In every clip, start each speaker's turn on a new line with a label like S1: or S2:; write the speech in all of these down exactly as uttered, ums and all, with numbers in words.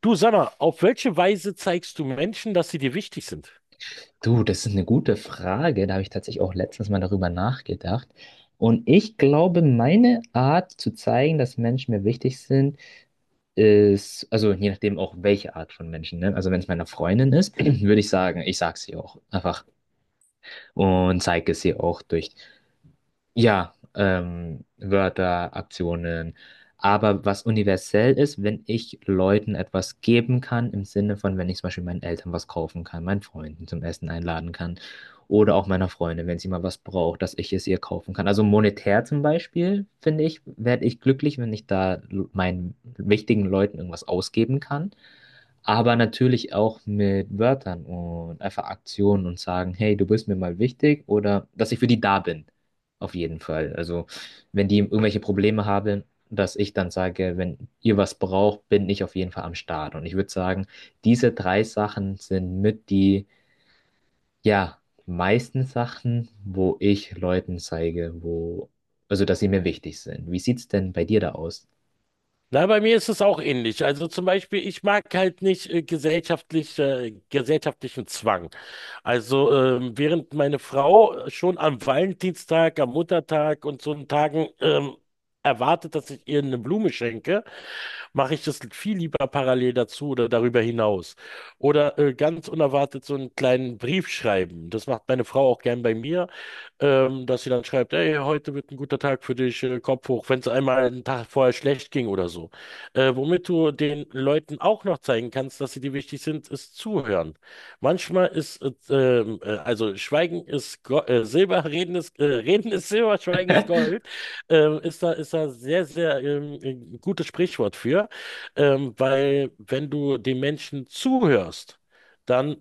S1: Du, sag mal, auf welche Weise zeigst du Menschen, dass sie dir wichtig sind?
S2: Du, das ist eine gute Frage. Da habe ich tatsächlich auch letztens mal darüber nachgedacht. Und ich glaube, meine Art zu zeigen, dass Menschen mir wichtig sind, ist, also je nachdem auch welche Art von Menschen, ne? Also wenn es meiner Freundin ist, würde ich sagen, ich sage es ihr auch einfach und zeige es ihr auch durch ja, ähm, Wörter, Aktionen. Aber was universell ist, wenn ich Leuten etwas geben kann, im Sinne von, wenn ich zum Beispiel meinen Eltern was kaufen kann, meinen Freunden zum Essen einladen kann oder auch meiner Freundin, wenn sie mal was braucht, dass ich es ihr kaufen kann. Also monetär zum Beispiel, finde ich, werde ich glücklich, wenn ich da l- meinen wichtigen Leuten irgendwas ausgeben kann. Aber natürlich auch mit Wörtern und einfach Aktionen und sagen, hey, du bist mir mal wichtig oder dass ich für die da bin. Auf jeden Fall. Also, wenn die irgendwelche Probleme haben, dass ich dann sage, wenn ihr was braucht, bin ich auf jeden Fall am Start. Und ich würde sagen, diese drei Sachen sind mit die, ja, meisten Sachen, wo ich Leuten zeige, wo, also, dass sie mir wichtig sind. Wie sieht's denn bei dir da aus?
S1: Na, bei mir ist es auch ähnlich. Also zum Beispiel, ich mag halt nicht äh, gesellschaftlich, äh, gesellschaftlichen Zwang. Also ähm, während meine Frau schon am Valentinstag, am Muttertag und so einen Tagen ähm, erwartet, dass ich ihr eine Blume schenke, mache ich das viel lieber parallel dazu oder darüber hinaus. Oder äh, ganz unerwartet so einen kleinen Brief schreiben. Das macht meine Frau auch gern bei mir. Ähm, dass sie dann schreibt, hey, heute wird ein guter Tag für dich, äh, Kopf hoch, wenn es einmal einen Tag vorher schlecht ging oder so. Äh, womit du den Leuten auch noch zeigen kannst, dass sie dir wichtig sind, ist zuhören. Manchmal ist, äh, ähm, äh, also Schweigen ist Go äh, Silber, Reden ist, äh, Reden ist Silber, Schweigen ist Gold, ähm, ist da, ist da sehr, sehr ähm, ein gutes Sprichwort für, ähm, weil wenn du den Menschen zuhörst, dann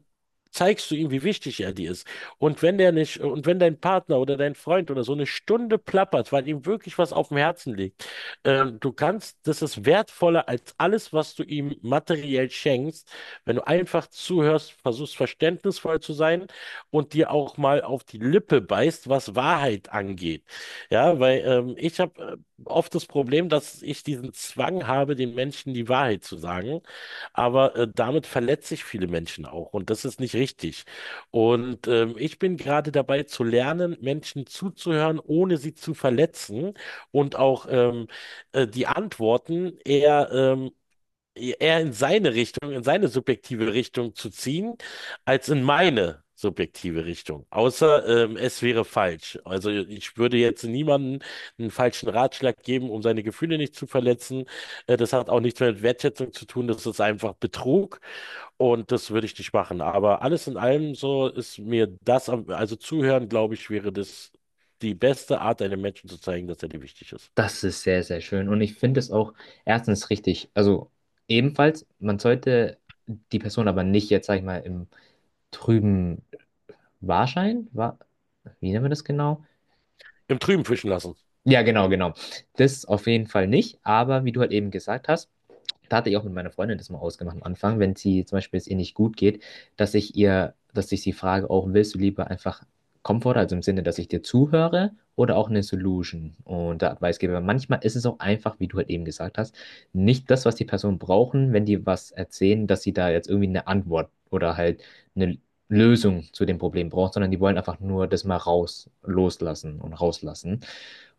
S1: zeigst du ihm, wie wichtig er dir ist. Und wenn der nicht, und wenn dein Partner oder dein Freund oder so eine Stunde plappert, weil ihm wirklich was auf dem Herzen liegt, ähm, du kannst, das ist wertvoller als alles, was du ihm materiell schenkst, wenn du einfach zuhörst, versuchst verständnisvoll zu sein und dir auch mal auf die Lippe beißt, was Wahrheit angeht. Ja, weil ähm, ich habe äh, oft das Problem, dass ich diesen Zwang habe, den Menschen die Wahrheit zu sagen. Aber äh, damit verletze ich viele Menschen auch und das ist nicht richtig. Und ähm, ich bin gerade dabei zu lernen, Menschen zuzuhören, ohne sie zu verletzen und auch ähm, äh, die Antworten eher ähm, eher in seine Richtung, in seine subjektive Richtung zu ziehen, als in meine subjektive Richtung. Außer ähm, es wäre falsch. Also ich würde jetzt niemandem einen falschen Ratschlag geben, um seine Gefühle nicht zu verletzen. Äh, das hat auch nichts mehr mit Wertschätzung zu tun. Das ist einfach Betrug und das würde ich nicht machen. Aber alles in allem so ist mir das, am- also zuhören, glaube ich, wäre das die beste Art, einem Menschen zu zeigen, dass er dir wichtig ist.
S2: Das ist sehr, sehr schön. Und ich finde es auch erstens richtig. Also ebenfalls, man sollte die Person aber nicht jetzt, sag ich mal, im Trüben Wahrschein? War, wie nennen wir das genau?
S1: Im Trüben fischen lassen.
S2: Ja, genau, genau. Das auf jeden Fall nicht, aber wie du halt eben gesagt hast, da hatte ich auch mit meiner Freundin das mal ausgemacht am Anfang, wenn sie zum Beispiel es ihr nicht gut geht, dass ich ihr, dass ich sie frage, auch willst du lieber einfach Komfort, also im Sinne, dass ich dir zuhöre oder auch eine Solution und da der Advicegeber. Manchmal ist es auch einfach, wie du halt eben gesagt hast, nicht das, was die Personen brauchen, wenn die was erzählen, dass sie da jetzt irgendwie eine Antwort oder halt eine Lösung zu dem Problem brauchen, sondern die wollen einfach nur das mal raus, loslassen und rauslassen.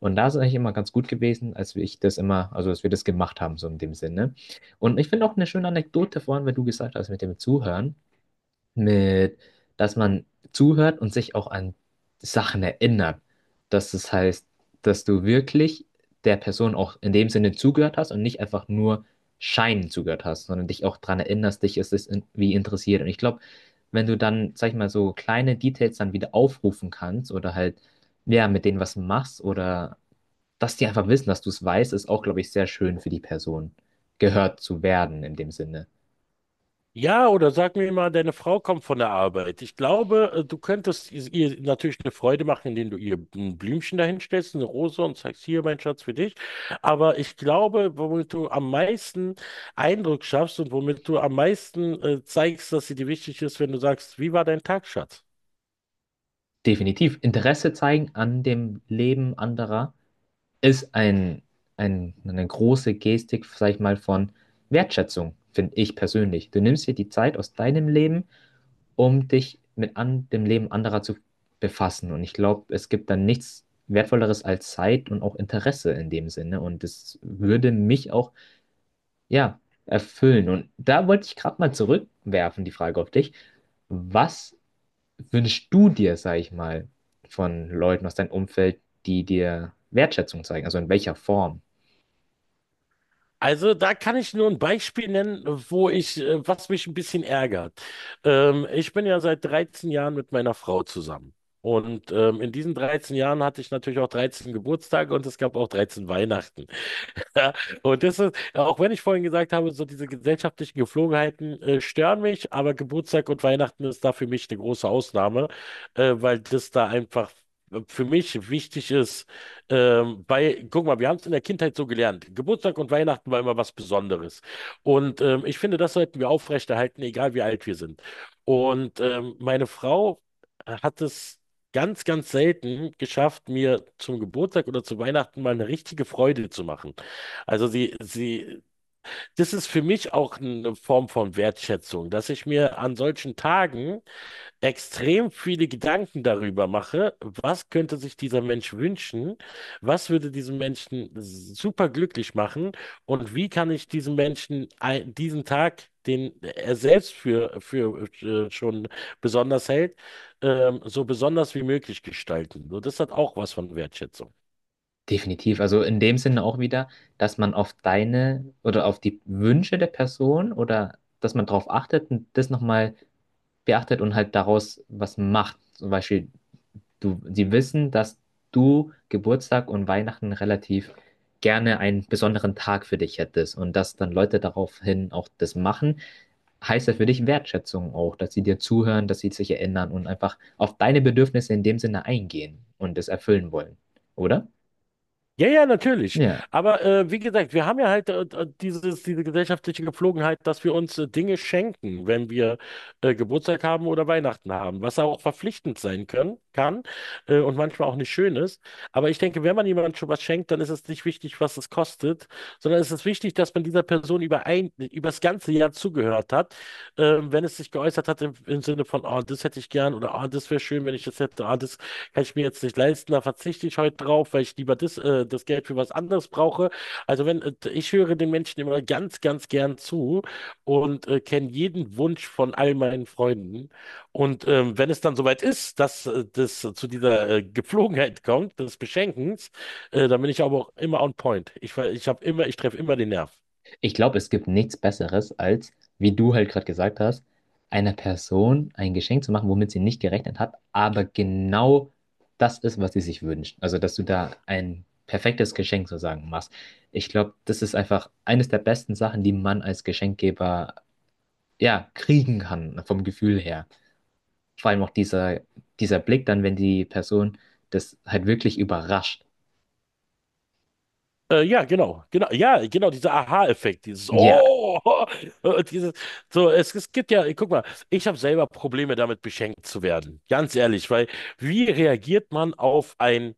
S2: Und da ist es eigentlich immer ganz gut gewesen, als wir ich das immer, also als wir das gemacht haben, so in dem Sinne. Und ich finde auch eine schöne Anekdote vorhin, weil du gesagt hast, mit dem Zuhören, mit, dass man zuhört und sich auch an Sachen erinnert. Dass das heißt, dass du wirklich der Person auch in dem Sinne zugehört hast und nicht einfach nur scheinend zugehört hast, sondern dich auch daran erinnerst, dich ist es irgendwie interessiert. Und ich glaube, wenn du dann, sag ich mal, so kleine Details dann wieder aufrufen kannst oder halt, ja, mit denen was machst oder dass die einfach wissen, dass du es weißt, ist auch, glaube ich, sehr schön für die Person, gehört zu werden in dem Sinne.
S1: Ja, oder sag mir mal, deine Frau kommt von der Arbeit. Ich glaube, äh, du könntest is- ihr natürlich eine Freude machen, indem du ihr ein Blümchen dahinstellst, eine Rose und sagst, hier, mein Schatz, für dich. Aber ich glaube, womit du am meisten Eindruck schaffst und womit du am meisten äh, zeigst, dass sie dir wichtig ist, wenn du sagst, wie war dein Tag, Schatz?
S2: Definitiv. Interesse zeigen an dem Leben anderer ist ein, ein, eine große Gestik, sag ich mal, von Wertschätzung, finde ich persönlich. Du nimmst dir die Zeit aus deinem Leben, um dich mit an, dem Leben anderer zu befassen. Und ich glaube, es gibt dann nichts Wertvolleres als Zeit und auch Interesse in dem Sinne. Und das würde mich auch ja, erfüllen. Und da wollte ich gerade mal zurückwerfen, die Frage auf dich. Was wünschst du dir, sag ich mal, von Leuten aus deinem Umfeld, die dir Wertschätzung zeigen? Also in welcher Form?
S1: Also da kann ich nur ein Beispiel nennen, wo ich, äh, was mich ein bisschen ärgert. Ähm, ich bin ja seit dreizehn Jahren mit meiner Frau zusammen. Und ähm, in diesen dreizehn Jahren hatte ich natürlich auch dreizehn Geburtstage und es gab auch dreizehn Weihnachten. Ja, und das ist, auch wenn ich vorhin gesagt habe, so diese gesellschaftlichen Gepflogenheiten äh, stören mich, aber Geburtstag und Weihnachten ist da für mich eine große Ausnahme, äh, weil das da einfach äh, für mich wichtig ist. Ähm, bei, guck mal, wir haben es in der Kindheit so gelernt. Geburtstag und Weihnachten war immer was Besonderes. Und ähm, ich finde, das sollten wir aufrechterhalten, egal wie alt wir sind. Und ähm, meine Frau hat es ganz, ganz selten geschafft, mir zum Geburtstag oder zu Weihnachten mal eine richtige Freude zu machen. Also sie, sie, das ist für mich auch eine Form von Wertschätzung, dass ich mir an solchen Tagen extrem viele Gedanken darüber mache, was könnte sich dieser Mensch wünschen, was würde diesen Menschen super glücklich machen und wie kann ich diesem Menschen ein- diesen Tag, den er selbst für, für äh, schon besonders hält, ähm, so besonders wie möglich gestalten. So, das hat auch was von Wertschätzung.
S2: Definitiv. Also in dem Sinne auch wieder, dass man auf deine oder auf die Wünsche der Person oder dass man darauf achtet und das nochmal beachtet und halt daraus was macht. Zum Beispiel Du, sie wissen, dass du Geburtstag und Weihnachten relativ gerne einen besonderen Tag für dich hättest und dass dann Leute daraufhin auch das machen, heißt das für dich Wertschätzung auch, dass sie dir zuhören, dass sie sich erinnern und einfach auf deine Bedürfnisse in dem Sinne eingehen und es erfüllen wollen, oder?
S1: Ja, ja, natürlich.
S2: Ja.
S1: Aber äh, wie gesagt, wir haben ja halt äh, äh, dieses, diese gesellschaftliche Gepflogenheit, dass wir uns äh, Dinge schenken, wenn wir äh, Geburtstag haben oder Weihnachten haben, was auch verpflichtend sein können, kann äh, und manchmal auch nicht schön ist. Aber ich denke, wenn man jemandem schon was schenkt, dann ist es nicht wichtig, was es kostet, sondern es ist wichtig, dass man dieser Person über ein, über das ganze Jahr zugehört hat ähm, wenn es sich geäußert hat im, im Sinne von, ah, das hätte ich gern oder ah, das wäre schön, wenn ich das hätte, ah, das kann ich mir jetzt nicht leisten, da verzichte ich heute drauf, weil ich lieber das, äh, das Geld für was anderes brauche. Also wenn, äh, ich höre den Menschen immer ganz, ganz gern zu und äh, kenne jeden Wunsch von all meinen Freunden. Und ähm, wenn es dann soweit ist, dass äh, das zu dieser äh, Gepflogenheit kommt, des Beschenkens, äh, dann bin ich aber auch immer on point. Ich, ver- ich habe immer, ich treffe immer den Nerv.
S2: Ich glaube, es gibt nichts Besseres, als, wie du halt gerade gesagt hast, einer Person ein Geschenk zu machen, womit sie nicht gerechnet hat, aber genau das ist, was sie sich wünscht. Also, dass du da ein perfektes Geschenk sozusagen machst. Ich glaube, das ist einfach eines der besten Sachen, die man als Geschenkgeber ja kriegen kann, vom Gefühl her. Vor allem auch dieser, dieser Blick dann, wenn die Person das halt wirklich überrascht.
S1: Äh, ja, genau, genau, ja, genau, dieser Aha-Effekt, dieses
S2: Ja.
S1: Oh, und dieses, so, es, es gibt ja, guck mal, ich habe selber Probleme damit, beschenkt zu werden, ganz ehrlich, weil wie reagiert man auf ein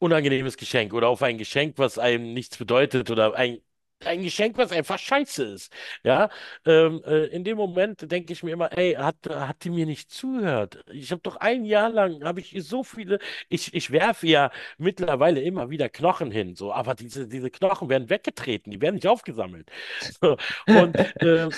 S1: unangenehmes Geschenk oder auf ein Geschenk, was einem nichts bedeutet oder ein, ein Geschenk, was einfach scheiße ist, ja, ähm, äh, in dem Moment denke ich mir immer, ey, hat, hat die mir nicht zugehört? Ich habe doch ein Jahr lang, habe ich ihr so viele, ich, ich werfe ja mittlerweile immer wieder Knochen hin, so, aber diese, diese Knochen werden weggetreten, die werden nicht aufgesammelt. So, und, äh,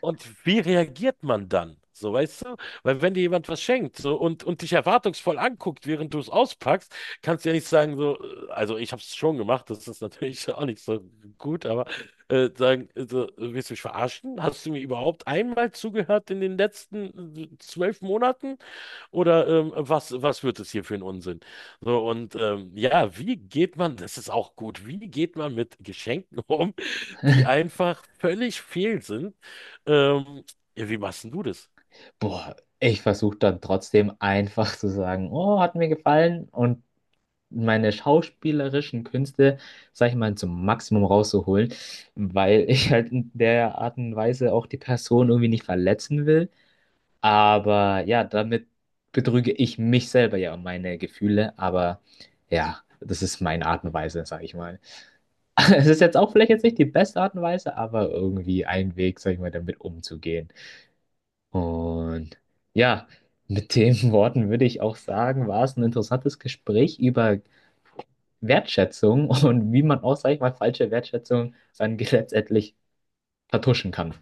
S1: und wie reagiert man dann? So, weißt du? Weil wenn dir jemand was schenkt so, und, und dich erwartungsvoll anguckt, während du es auspackst, kannst du ja nicht sagen, so, äh, also ich habe es schon gemacht, das ist natürlich auch nicht so gut, aber äh, sagen, äh, so, willst du mich verarschen? Hast du mir überhaupt einmal zugehört in den letzten äh, zwölf Monaten? Oder ähm, was, was wird es hier für ein Unsinn? So, und ähm, ja, wie geht man, das ist auch gut, wie geht man mit Geschenken um, die einfach völlig fehl sind? Ähm, ja, wie machst denn du das?
S2: Boah, ich versuche dann trotzdem einfach zu sagen, oh, hat mir gefallen und meine schauspielerischen Künste, sag ich mal, zum Maximum rauszuholen, weil ich halt in der Art und Weise auch die Person irgendwie nicht verletzen will. Aber ja, damit betrüge ich mich selber ja um meine Gefühle, aber ja, das ist meine Art und Weise, sag ich mal. Es ist jetzt auch vielleicht jetzt nicht die beste Art und Weise, aber irgendwie ein Weg, sag ich mal, damit umzugehen. Und ja, mit den Worten würde ich auch sagen, war es ein interessantes Gespräch über Wertschätzung und wie man auch, sag ich mal, falsche Wertschätzung dann letztendlich vertuschen kann.